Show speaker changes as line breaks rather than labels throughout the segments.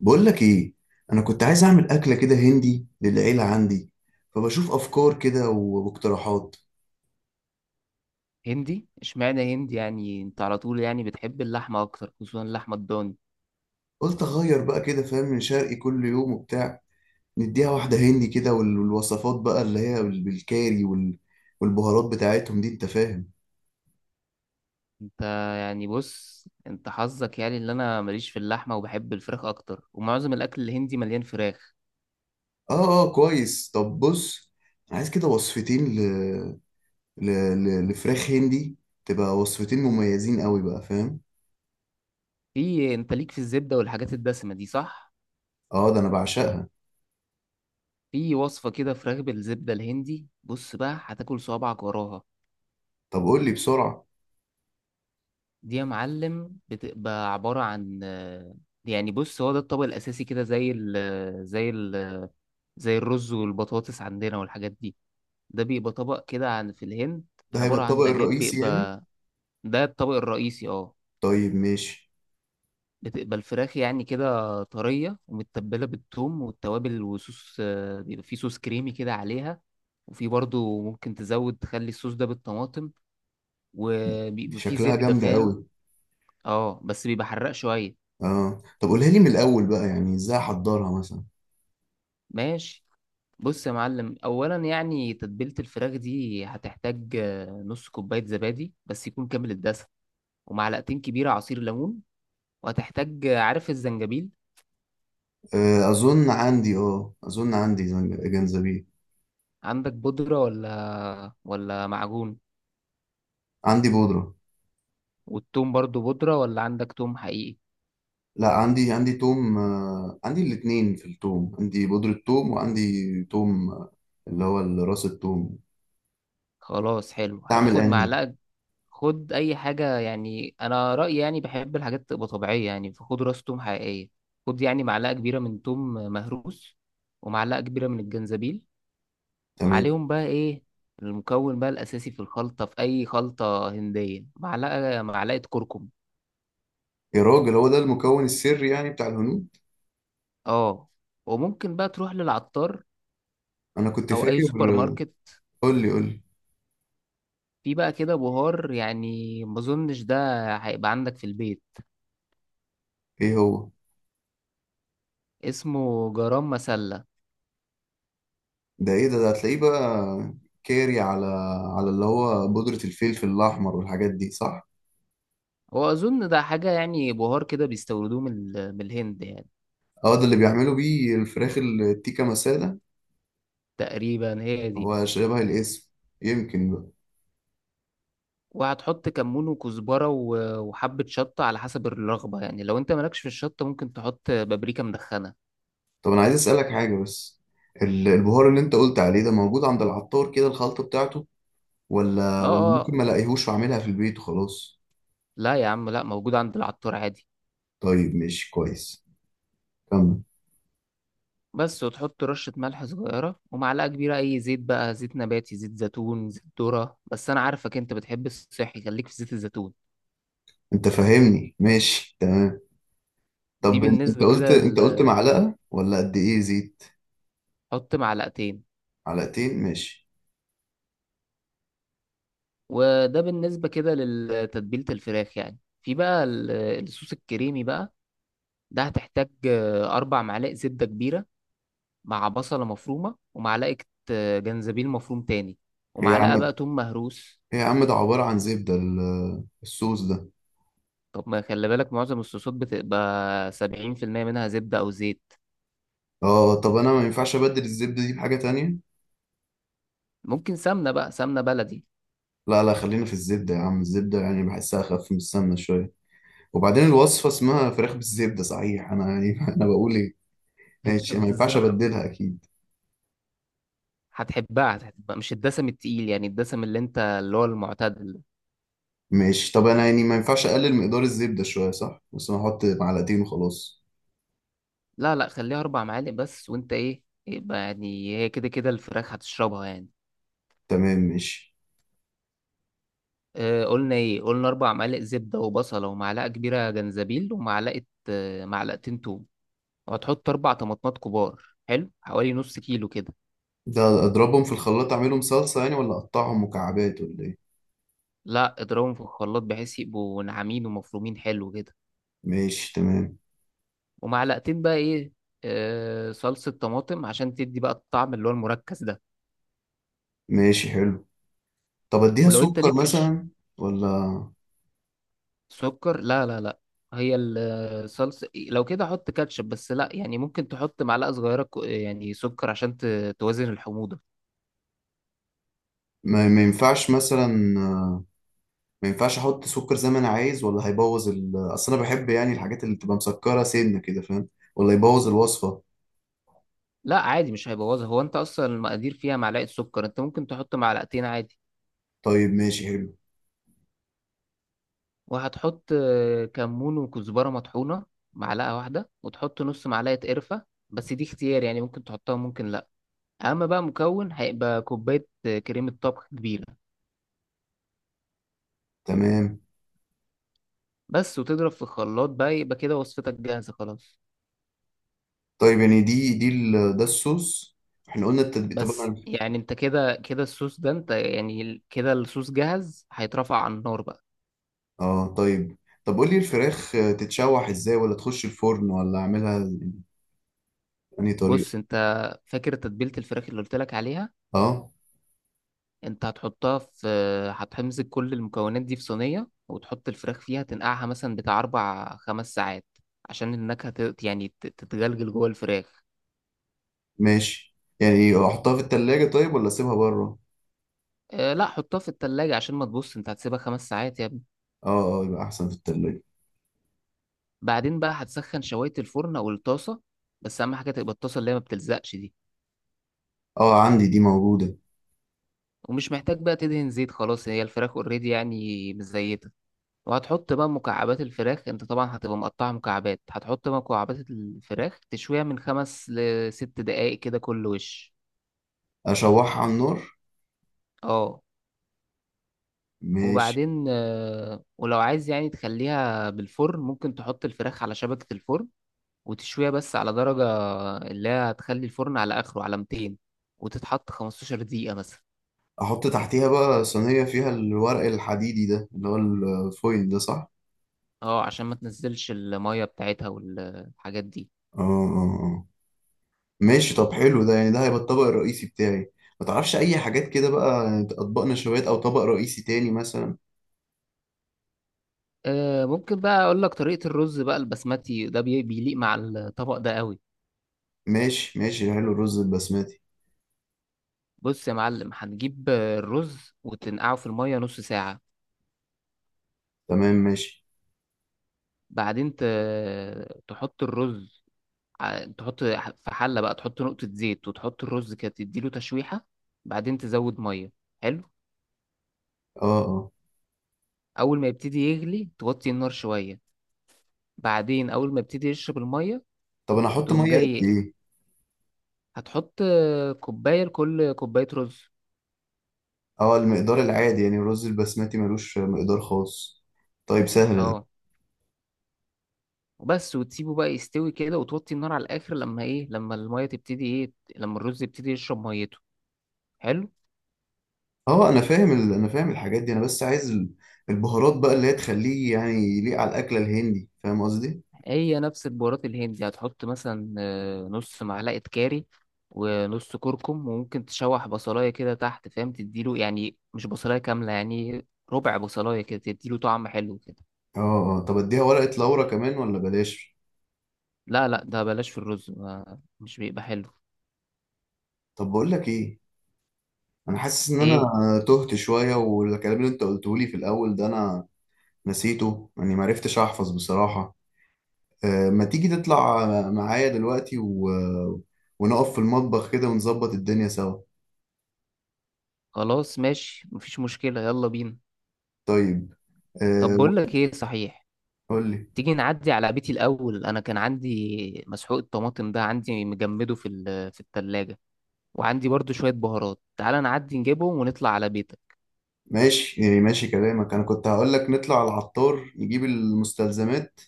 بقول لك ايه؟ انا كنت عايز اعمل اكله كده هندي للعيله عندي. فبشوف افكار كده واقتراحات.
هندي؟ اشمعنى هندي؟ يعني انت على طول يعني بتحب اللحمة اكتر، خصوصا اللحمة الضاني.
قلت اغير بقى، كده فاهم؟ من شرقي كل يوم وبتاع، نديها واحده هندي كده. والوصفات بقى اللي هي بالكاري والبهارات بتاعتهم دي، انت فاهم؟
انت يعني بص، انت حظك يعني اللي، انا ماليش في اللحمة وبحب الفراخ اكتر، ومعظم الاكل الهندي مليان فراخ.
اه، اه، كويس. طب بص، أنا عايز كده وصفتين ل... لفراخ هندي. تبقى وصفتين مميزين قوي بقى، فاهم؟
في انت ليك في الزبدة والحاجات الدسمة دي، صح؟
اه، ده انا بعشقها.
في وصفة كده فراخ بالزبدة الهندي، بص بقى هتاكل صوابعك وراها.
طب قول لي بسرعه.
دي يا معلم بتبقى عبارة عن يعني بص، هو ده الطبق الأساسي كده، زي ال زي ال زي الرز والبطاطس عندنا والحاجات دي. ده بيبقى طبق كده عن في الهند،
ده هيبقى
عبارة عن
الطبق
دجاج
الرئيسي يعني؟
بيبقى. ده الطبق الرئيسي، اه.
طيب ماشي.
بتبقى الفراخ يعني كده طرية ومتبلة بالثوم والتوابل وصوص، بيبقى فيه صوص كريمي كده عليها. وفي برضو ممكن تزود تخلي الصوص ده بالطماطم، وبيبقى فيه
شكلها
زبدة،
جامدة
فاهم.
قوي.
اه بس بيبقى حراق شوية.
اه، طب قولها لي من الأول بقى، يعني ازاي احضرها مثلا؟
ماشي، بص يا معلم. اولا يعني تتبيلة الفراخ دي هتحتاج نص كوباية زبادي، بس يكون كامل الدسم، ومعلقتين كبيرة عصير ليمون. وهتحتاج، عارف الزنجبيل؟
أظن عندي، أظن عندي جنزبيل.
عندك بودرة ولا معجون؟
عندي بودرة.
والثوم برضو بودرة ولا عندك ثوم حقيقي؟
لا، عندي توم. عندي الاتنين. في التوم عندي بودرة توم وعندي توم. اللي هو راس التوم.
خلاص، حلو،
تعمل
هتاخد
أنهي؟
معلقة. خد أي حاجة يعني، أنا رأيي يعني بحب الحاجات تبقى طبيعية، يعني فخد راس ثوم حقيقية. خد يعني معلقة كبيرة من ثوم مهروس، ومعلقة كبيرة من الجنزبيل.
تمام.
وعليهم بقى إيه؟ المكون بقى الأساسي في الخلطة، في أي خلطة هندية، معلقة، معلقة كركم.
يا راجل، هو ده المكون السري يعني بتاع الهنود.
اه. وممكن بقى تروح للعطار
أنا كنت
او اي
فاكر.
سوبر ماركت.
قول لي
في بقى كده بهار، يعني ما اظنش ده هيبقى عندك في البيت،
إيه هو.
اسمه جرام مسلة.
ده إيه ده هتلاقيه بقى. كاري، على اللي هو بودرة الفلفل الأحمر والحاجات دي صح.
هو اظن ده حاجة يعني بهار كده بيستوردوه من من الهند يعني.
اه، ده اللي بيعملوا بيه الفراخ التيكا مسالة.
تقريبا هي دي.
هو شبه الاسم، يمكن بقى.
وهتحط كمون وكزبرة وحبة شطة على حسب الرغبة، يعني لو انت مالكش في الشطة ممكن تحط بابريكا مدخنة.
طب انا عايز اسألك حاجة بس، البهار اللي انت قلت عليه ده موجود عند العطار كده الخلطة بتاعته؟ ولا
اه
ولا ممكن ما
اه.
الاقيهوش واعملها في البيت وخلاص؟
لا يا عم، لا، موجود عند العطار عادي.
طيب ماشي كويس، كمل.
بس، وتحط رشة ملح صغيرة ومعلقة كبيرة أي زيت بقى، زيت نباتي، زيت زيتون، زيت ذرة، بس أنا عارفك أنت بتحب الصحي، خليك في زيت الزيتون.
انت فاهمني، ماشي تمام.
دي
طب انت
بالنسبة
قلت
كده
انت قلت معلقة ولا قد ايه زيت؟
حط معلقتين.
معلقتين ماشي.
وده بالنسبة كده لتتبيلة الفراخ. يعني في بقى الصوص الكريمي بقى، ده هتحتاج 4 معالق زبدة كبيرة، مع بصلة مفرومة ومعلقة جنزبيل مفروم تاني،
ايه يا
ومعلقة بقى
عم
توم مهروس.
ايه يا عم ده عبارة عن زبدة الصوص ده.
طب ما خلي بالك، معظم الصوصات بتبقى 70% منها زبدة أو زيت.
اه، طب انا ما ينفعش ابدل الزبدة دي بحاجة تانية؟
ممكن سمنة بقى، سمنة بلدي.
لا لا، خلينا في الزبدة يا عم. الزبدة يعني بحسها أخف من السمنة شوية. وبعدين الوصفة اسمها فراخ بالزبدة صحيح، أنا يعني أنا بقول إيه؟ ماشي، ما ينفعش
بالظبط.
أبدلها أكيد.
هتحبها، هتحبها، مش الدسم التقيل يعني، الدسم اللي انت اللي هو المعتاد.
ماشي، طب أنا يعني ما ينفعش أقلل مقدار الزبدة شوية؟ صح، بس أنا أحط معلقتين وخلاص.
لا لا، خليها 4 معالق بس، وانت ايه، يبقى يعني هي كده كده الفراخ هتشربها يعني.
تمام ماشي.
آه، قلنا ايه؟ قلنا اربع معالق زبدة وبصلة ومعلقة كبيرة جنزبيل، ومعلقة، آه، معلقتين توم. وهتحط 4 طماطمات كبار، حلو، حوالي نص كيلو كده.
ده أضربهم في الخلاط أعملهم صلصة يعني، ولا أقطعهم مكعبات، ولا إيه؟
لا، اضربهم في الخلاط بحيث يبقوا ناعمين ومفرومين حلو كده.
ماشي تمام.
ومعلقتين بقى ايه، آه، صلصة طماطم، عشان تدي بقى الطعم اللي هو المركز ده.
ماشي حلو. طب أديها
ولو انت
سكر
ليك في
مثلا ولا؟
سكر، لا لا لا. هي الصلصة لو كده حط كاتشب. بس لا يعني، ممكن تحط معلقة صغيرة يعني سكر، عشان توازن الحموضة.
ما ينفعش مثلا، ما ينفعش احط سكر زي ما انا عايز؟ ولا هيبوظ اصل انا بحب يعني الحاجات اللي بتبقى مسكره سنه كده، فاهم؟ ولا يبوظ الوصفه؟
لا، عادي، مش هيبوظها. هو انت اصلا المقادير فيها معلقة سكر، انت ممكن تحط معلقتين عادي.
طيب ماشي حلو.
وهتحط كمون وكزبرة مطحونة، معلقة واحدة، وتحط نص معلقة قرفة، بس دي اختيار، يعني ممكن تحطها، ممكن لا. اما بقى مكون هيبقى كوباية كريمة طبخ كبيرة
تمام.
بس. وتضرب في الخلاط بقى يبقى كده وصفتك جاهزة خلاص.
طيب يعني دي ده الصوص، احنا قلنا التتبيل. طب
بس
انا
يعني انت كده كده الصوص ده، انت يعني كده الصوص جاهز، هيترفع على النار بقى.
اه طيب طب قول لي الفراخ، تتشوح ازاي، ولا تخش الفرن، ولا اعملها بأنهي طريقه؟
بص انت، فاكر تتبيلة الفراخ اللي قلت لك عليها؟
اه
انت هتحطها في، هتمسك كل المكونات دي في صينية وتحط الفراخ فيها، تنقعها مثلا بتاع أربع خمس ساعات، عشان النكهة يعني تتجلجل جوه الفراخ.
ماشي، يعني احطها في التلاجة طيب ولا اسيبها بره؟
اه لا، حطها في التلاجة عشان ما، تبص انت هتسيبها 5 ساعات يا ابني.
اه، اه، يبقى احسن في التلاجة.
بعدين بقى هتسخن شواية الفرن أو الطاسة، بس أهم حاجة تبقى الطاسة اللي هي ما بتلزقش دي.
اه، عندي دي موجوده.
ومش محتاج بقى تدهن زيت، خلاص هي الفراخ اوريدي يعني مزيتة. وهتحط بقى مكعبات الفراخ، انت طبعا هتبقى مقطعة مكعبات، هتحط بقى مكعبات الفراخ تشويها من خمس لست دقايق كده كل وش.
اشوحها على النار؟
اه.
ماشي.
وبعدين ولو عايز يعني تخليها بالفرن، ممكن تحط الفراخ على شبكة الفرن وتشويها، بس على درجة اللي هي، هتخلي الفرن على آخره على 200، وتتحط 15 دقيقة مثلا.
احط تحتيها بقى صينية فيها الورق الحديدي ده اللي هو الفويل ده صح؟
اه عشان ما تنزلش المية بتاعتها والحاجات دي.
اه، اه، اه. ماشي، طب حلو. ده يعني ده هيبقى الطبق الرئيسي بتاعي. ما تعرفش اي حاجات كده بقى، يعني اطباق نشويات او طبق رئيسي تاني مثلا؟
ممكن بقى اقول لك طريقة الرز بقى البسمتي ده، بيليق مع الطبق ده قوي.
ماشي ماشي حلو، الرز البسمتي.
بص يا معلم، هتجيب الرز وتنقعه في المية نص ساعة.
تمام ماشي.
بعدين تحط الرز، تحط في حلة بقى، تحط نقطة زيت، وتحط الرز كده تديله تشويحة. بعدين تزود مية، حلو.
اه، اه.
اول ما يبتدي يغلي، توطي النار شوية. بعدين اول ما يبتدي يشرب المية،
طب انا احط
تقوم
ميه قد
جاي،
ايه؟
هتحط كوباية لكل كوباية رز.
اه، المقدار العادي يعني، الرز البسمتي ملوش مقدار خاص. طيب، سهلة دي.
اه. وبس، وتسيبه بقى يستوي كده، وتوطي النار على الاخر، لما ايه، لما الميه تبتدي ايه، لما الرز يبتدي يشرب ميته. حلو.
اه، انا فاهم انا فاهم الحاجات دي، انا بس عايز البهارات بقى اللي هي تخليه يعني يليق على الاكلة الهندي، فاهم قصدي؟
هي نفس البهارات الهندي، هتحط مثلا نص معلقه كاري ونص كركم، وممكن تشوح بصلايه كده تحت فاهم، تديله، يعني مش بصلايه كامله يعني، ربع بصلايه كده، تديله طعم حلو كده.
اه، اه، طب اديها ورقة لورا كمان ولا بلاش؟
لا لا، ده بلاش في الرز، ما مش بيبقى حلو.
طب بقول لك ايه، انا حاسس ان انا
ايه؟
تهت شوية، والكلام اللي انت قلته لي في الاول ده انا نسيته يعني، ما عرفتش احفظ بصراحة. ما تيجي تطلع معايا دلوقتي ونقف في المطبخ كده ونظبط الدنيا سوا؟
خلاص ماشي، مفيش مشكله، يلا بينا.
طيب.
طب
آه،
بقول لك ايه صحيح،
قول لي.
تيجي نعدي على بيتي الأول. أنا كان عندي مسحوق الطماطم ده، عندي مجمده في في التلاجة، وعندي برضو شوية بهارات، تعال نعدي نجيبهم ونطلع على بيتك.
ماشي، يعني ماشي كلامك، انا كنت هقول لك نطلع على العطار نجيب المستلزمات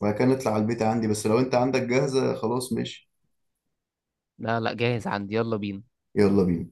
وبعد كده نطلع على البيت عندي، بس لو انت عندك جاهزة خلاص ماشي.
لا لا، جاهز عندي، يلا بينا.
يلا بينا.